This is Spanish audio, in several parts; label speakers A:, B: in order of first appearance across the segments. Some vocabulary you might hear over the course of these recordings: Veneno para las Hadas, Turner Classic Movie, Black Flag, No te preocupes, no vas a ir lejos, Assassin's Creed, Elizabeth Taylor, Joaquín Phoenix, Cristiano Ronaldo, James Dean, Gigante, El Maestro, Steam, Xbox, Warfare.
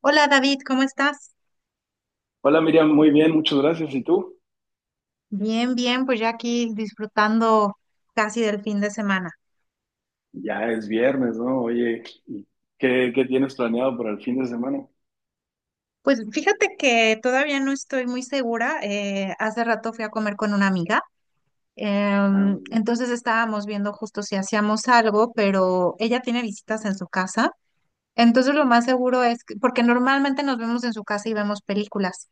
A: Hola David, ¿cómo estás?
B: Hola Miriam, muy bien, muchas gracias. ¿Y tú?
A: Bien, bien, pues ya aquí disfrutando casi del fin de semana.
B: Ya es viernes, ¿no? Oye, ¿Qué tienes planeado para el fin de semana?
A: Pues fíjate que todavía no estoy muy segura. Hace rato fui a comer con una amiga,
B: Ah, muy bien.
A: entonces estábamos viendo justo si hacíamos algo, pero ella tiene visitas en su casa. Entonces lo más seguro porque normalmente nos vemos en su casa y vemos películas,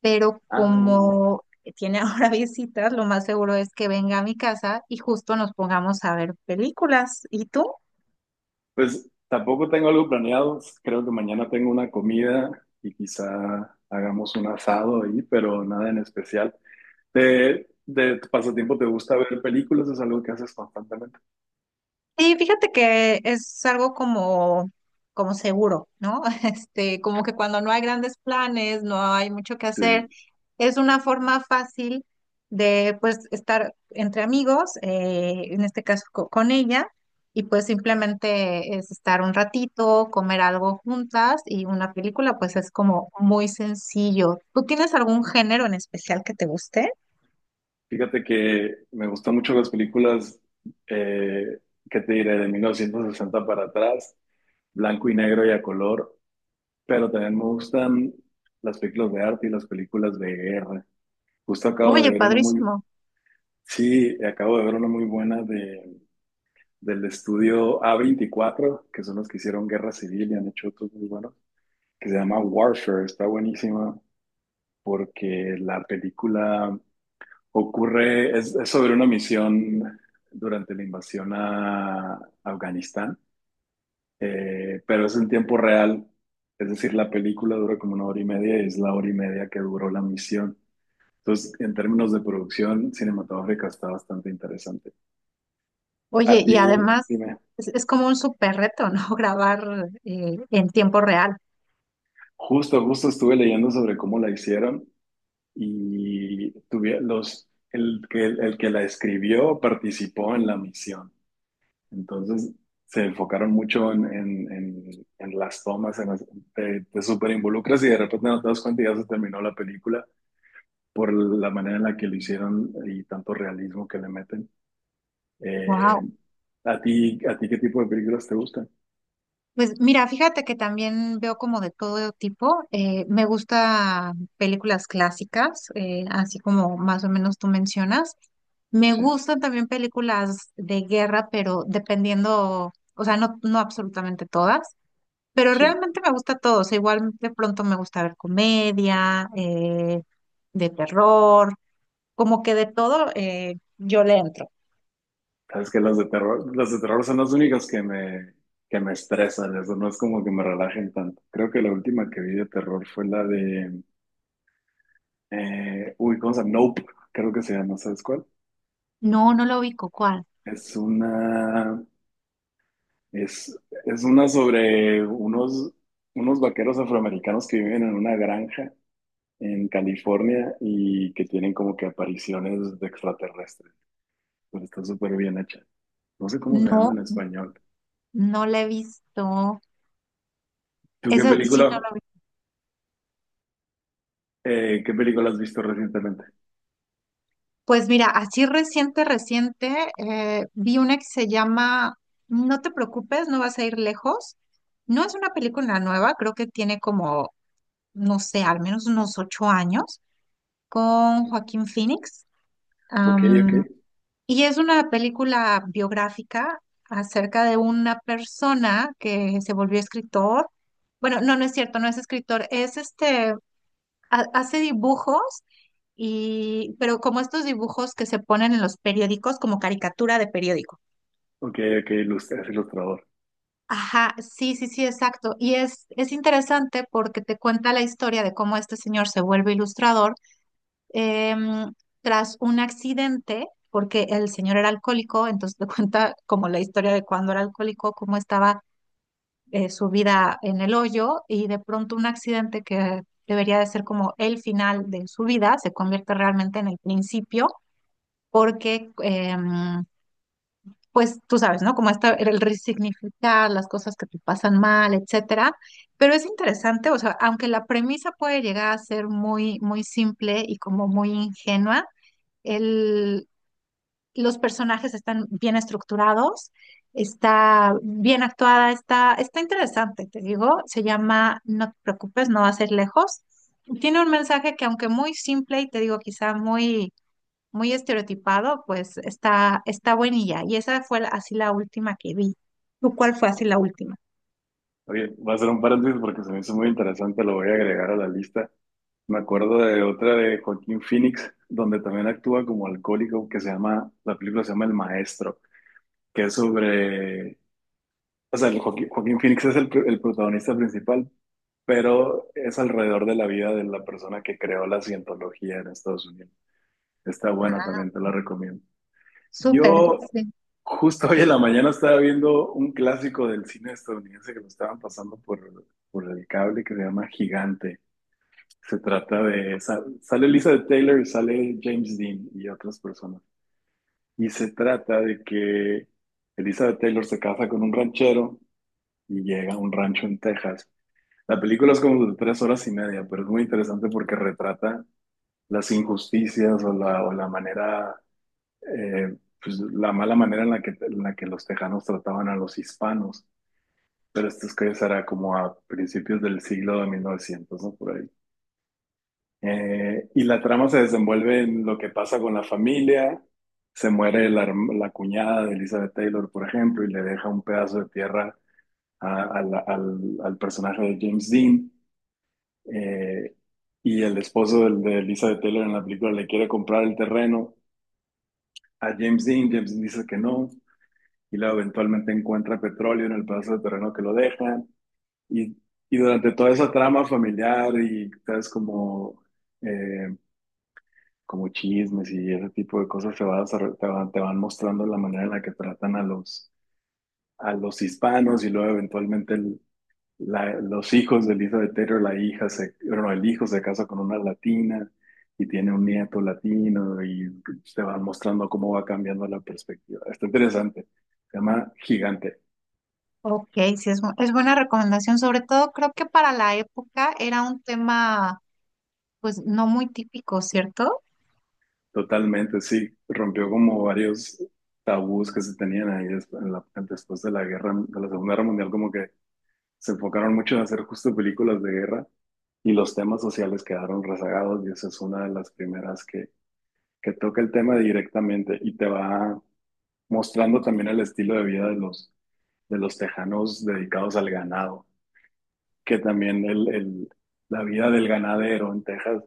A: pero
B: Ah, muy bien.
A: como tiene ahora visitas, lo más seguro es que venga a mi casa y justo nos pongamos a ver películas. ¿Y tú?
B: Pues tampoco tengo algo planeado. Creo que mañana tengo una comida y quizá hagamos un asado ahí, pero nada en especial. ¿De tu pasatiempo te gusta ver películas? ¿Es algo que haces constantemente?
A: Sí, fíjate que es algo como seguro, ¿no? Este, como que cuando no hay grandes planes, no hay mucho que hacer,
B: Sí.
A: es una forma fácil de pues estar entre amigos, en este caso con ella, y pues simplemente es estar un ratito, comer algo juntas y una película, pues es como muy sencillo. ¿Tú tienes algún género en especial que te guste?
B: Fíjate que me gustan mucho las películas. eh, ¿Qué te diré? De 1960 para atrás, blanco y negro y a color. Pero también me gustan las películas de arte y las películas de guerra. Justo acabo de
A: Oye,
B: ver una muy,
A: padrísimo.
B: sí, acabo de ver una muy buena del estudio A24, que son los que hicieron Guerra Civil y han hecho otros muy buenos, que se llama Warfare. Está buenísima porque la película ocurre, es sobre una misión durante la invasión a Afganistán. Pero es en tiempo real, es decir, la película dura como una hora y media y es la hora y media que duró la misión. Entonces, en términos de producción cinematográfica está bastante interesante. A
A: Oye, y
B: ti,
A: además
B: dime,
A: es como un súper reto, ¿no? Grabar en tiempo real.
B: justo estuve leyendo sobre cómo la hicieron y tuve los, el que la escribió participó en la misión. Entonces, se enfocaron mucho en, en las tomas, te súper involucras y de repente no te das cuenta y ya se terminó la película por la manera en la que lo hicieron y tanto realismo que le meten. Eh,
A: Wow.
B: a ti qué tipo de películas te gustan?
A: Pues mira, fíjate que también veo como de todo tipo. Me gusta películas clásicas, así como más o menos tú mencionas. Me
B: Sí,
A: gustan también películas de guerra, pero dependiendo, o sea, no, no absolutamente todas, pero
B: sí.
A: realmente me gusta todo. O sea, igual de pronto me gusta ver comedia, de terror. Como que de todo, yo le entro.
B: Sabes que las de terror son las únicas que me estresan, eso no es como que me relajen tanto. Creo que la última que vi de terror fue la de, uy, ¿cómo se llama? Nope, creo que se llama, ¿sabes cuál?
A: No, no lo ubico. ¿Cuál?
B: Es una, es, es una sobre unos vaqueros afroamericanos que viven en una granja en California y que tienen como que apariciones de extraterrestres. Pero está súper bien hecha. No sé cómo se llama
A: No,
B: en español.
A: no la he visto.
B: ¿Tú
A: Eso sí, no lo vi.
B: qué película has visto recientemente?
A: Pues mira, así reciente, reciente, vi una que se llama No te preocupes, no vas a ir lejos. No es una película nueva, creo que tiene como, no sé, al menos unos 8 años, con Joaquín Phoenix.
B: Ok, ok,
A: Y es una película biográfica acerca de una persona que se volvió escritor. Bueno, no, no es cierto, no es escritor, es este, hace dibujos y, pero como estos dibujos que se ponen en los periódicos como caricatura de periódico.
B: ok, ok, es ilustrador.
A: Ajá, sí, sí, sí, exacto. Y es interesante porque te cuenta la historia de cómo este señor se vuelve ilustrador em, tras un accidente, porque el señor era alcohólico, entonces te cuenta como la historia de cuando era alcohólico, cómo estaba su vida en el hoyo y de pronto un accidente que debería de ser como el final de su vida se convierte realmente en el principio, porque pues tú sabes, ¿no? Como está el resignificar las cosas que te pasan mal, etcétera. Pero es interesante, o sea, aunque la premisa puede llegar a ser muy, muy simple y como muy ingenua, el, los personajes están bien estructurados, está bien actuada, está interesante, te digo. Se llama No te preocupes, no va a ser lejos. Tiene un mensaje que aunque muy simple y te digo quizá muy, muy estereotipado, pues está buenilla. Y esa fue así la última que vi. ¿Tú cuál fue así la última?
B: Oye, voy a hacer un paréntesis porque se me hizo muy interesante, lo voy a agregar a la lista. Me acuerdo de otra de Joaquín Phoenix, donde también actúa como alcohólico, que se llama, la película se llama El Maestro, que es sobre, o sea, el Joaquín Phoenix es el protagonista principal, pero es alrededor de la vida de la persona que creó la cientología en Estados Unidos. Está buena
A: Ah,
B: también, te la recomiendo.
A: súper,
B: Yo
A: sí.
B: justo hoy en la mañana estaba viendo un clásico del cine estadounidense que lo estaban pasando por el cable, que se llama Gigante. Se trata de, sale Elizabeth Taylor y sale James Dean y otras personas. Y se trata de que Elizabeth Taylor se casa con un ranchero y llega a un rancho en Texas. La película es como de 3 horas y media, pero es muy interesante porque retrata las injusticias o la manera, eh, pues la mala manera en la que los tejanos trataban a los hispanos. Pero esto es que será como a principios del siglo de 1900, ¿no? Por ahí. Y la trama se desenvuelve en lo que pasa con la familia. Se muere la, la cuñada de Elizabeth Taylor, por ejemplo, y le deja un pedazo de tierra al personaje de James Dean. eh, y el esposo de Elizabeth Taylor en la película le quiere comprar el terreno a James Dean, James Dean dice que no, y luego eventualmente encuentra petróleo en el pedazo de terreno que lo dejan, y, y durante toda esa trama familiar y, sabes, como, eh, como chismes y ese tipo de cosas se va te van mostrando la manera en la que tratan a los hispanos, y luego eventualmente los hijos de Elizabeth Taylor, la hija se, bueno, el hijo se casa con una latina y tiene un nieto latino y te van mostrando cómo va cambiando la perspectiva. Está interesante. Se llama Gigante.
A: Ok, sí, es buena recomendación. Sobre todo creo que para la época era un tema pues no muy típico, ¿cierto?
B: Totalmente, sí. Rompió como varios tabús que se tenían ahí, después de la guerra, de la Segunda Guerra Mundial, como que se enfocaron mucho en hacer justo películas de guerra y los temas sociales quedaron rezagados, y esa es una de las primeras que toca el tema directamente y te va mostrando también el estilo de vida de los tejanos dedicados al ganado, que también la vida del ganadero en Texas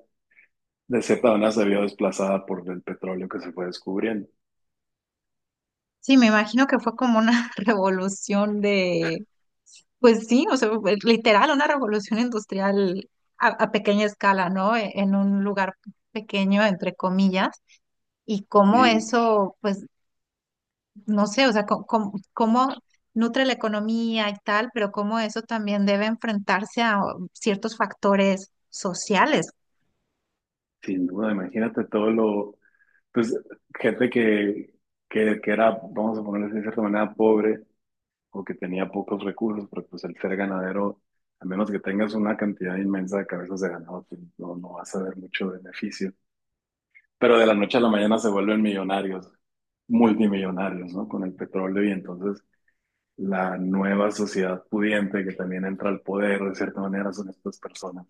B: de cierta manera se vio desplazada por el petróleo que se fue descubriendo.
A: Sí, me imagino que fue como una revolución de, pues sí, o sea, fue literal, una revolución industrial a pequeña escala, ¿no? En un lugar pequeño, entre comillas, y cómo
B: Y
A: eso, pues, no sé, o sea, cómo nutre la economía y tal, pero cómo eso también debe enfrentarse a ciertos factores sociales.
B: sin duda, imagínate todo lo, pues gente que, que era, vamos a ponerle de cierta manera, pobre o que tenía pocos recursos, pero pues el ser ganadero, a menos que tengas una cantidad inmensa de cabezas de ganado, pues no, no vas a ver mucho beneficio, pero de la noche a la mañana se vuelven millonarios, multimillonarios, ¿no? Con el petróleo y entonces la nueva sociedad pudiente que también entra al poder, de cierta manera, son estas personas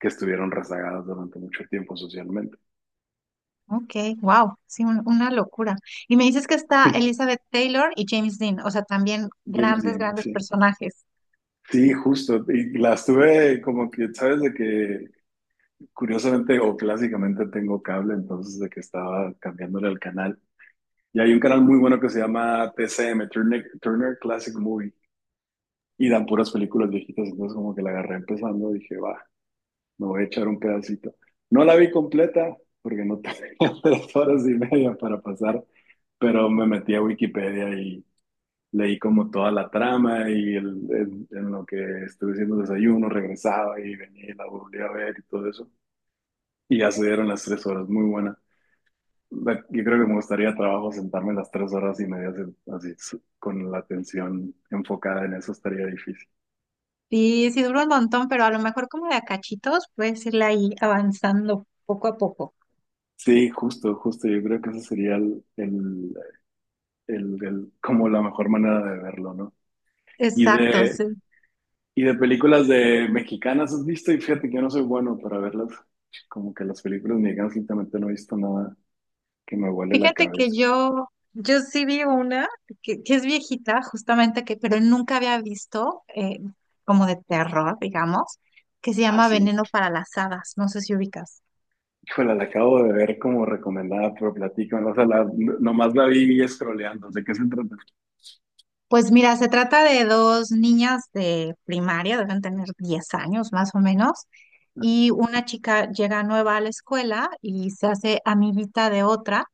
B: que estuvieron rezagadas durante mucho tiempo socialmente.
A: Ok, wow, sí, una locura. Y me dices que está Elizabeth Taylor y James Dean, o sea, también
B: James
A: grandes,
B: Dean,
A: grandes
B: sí.
A: personajes.
B: Sí, justo. Y las tuve como que, sabes, de que curiosamente o clásicamente tengo cable, entonces de que estaba cambiándole el canal. Y hay un canal muy bueno que se llama TCM, Turner, Turner Classic Movie. Y dan puras películas viejitas, entonces como que la agarré empezando, dije, va, me voy a echar un pedacito. No la vi completa, porque no tenía 3 horas y media para pasar, pero me metí a Wikipedia y leí como toda la trama y en lo que estuve haciendo desayuno, regresaba y venía y la volví a ver y todo eso. Y ya se dieron las 3 horas, muy buena. Yo creo que me gustaría trabajo sentarme las 3 horas y media así, así, con la atención enfocada en eso, estaría difícil.
A: Sí, sí dura un montón, pero a lo mejor como de a cachitos puedes irla ahí avanzando poco a poco.
B: Sí, justo, justo. Yo creo que eso sería como la mejor manera de verlo, ¿no? Y
A: Exacto,
B: de,
A: sí.
B: y de películas de mexicanas, ¿has visto? Y fíjate que yo no soy bueno para verlas. Como que las películas mexicanas últimamente no he visto nada que me vuele la
A: Fíjate que
B: cabeza.
A: yo sí vi una que es viejita, justamente que, pero nunca había visto como de terror, digamos, que se
B: Ah,
A: llama
B: sí.
A: Veneno para las Hadas. No sé si ubicas.
B: Híjole, la acabo de ver como recomendada, pero platícame. O sea, la, nomás la vi scrolleando. ¿De qué se trata?
A: Pues mira, se trata de dos niñas de primaria, deben tener 10 años más o menos, y una chica llega nueva a la escuela y se hace amiguita de otra,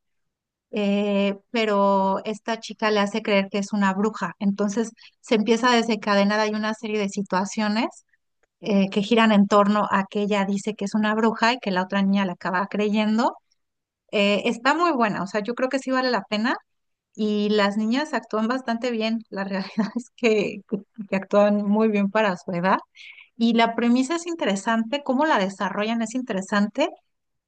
A: pero esta chica le hace creer que es una bruja. Entonces se empieza a desencadenar, hay una serie de situaciones, que giran en torno a que ella dice que es una bruja y que la otra niña la acaba creyendo. Está muy buena, o sea, yo creo que sí vale la pena y las niñas actúan bastante bien, la realidad es que actúan muy bien para su edad. Y la premisa es interesante, cómo la desarrollan es interesante,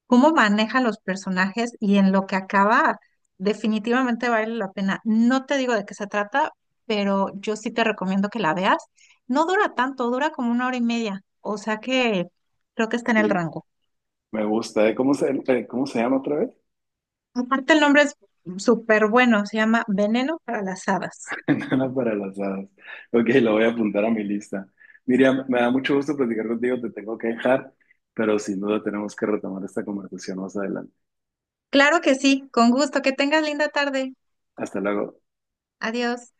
A: cómo maneja los personajes y en lo que acaba, definitivamente vale la pena. No te digo de qué se trata, pero yo sí te recomiendo que la veas. No dura tanto, dura como una hora y media, o sea que creo que está en el
B: Sí,
A: rango.
B: me gusta. ¿Eh? ¿Cómo se llama otra vez?
A: Aparte el nombre es súper bueno, se llama Veneno para las Hadas.
B: Nada para las hadas. Ok, lo voy a apuntar a mi lista. Miriam, me da mucho gusto platicar contigo, te tengo que dejar, pero sin duda tenemos que retomar esta conversación más adelante.
A: Claro que sí, con gusto, que tengas linda tarde.
B: Hasta luego.
A: Adiós.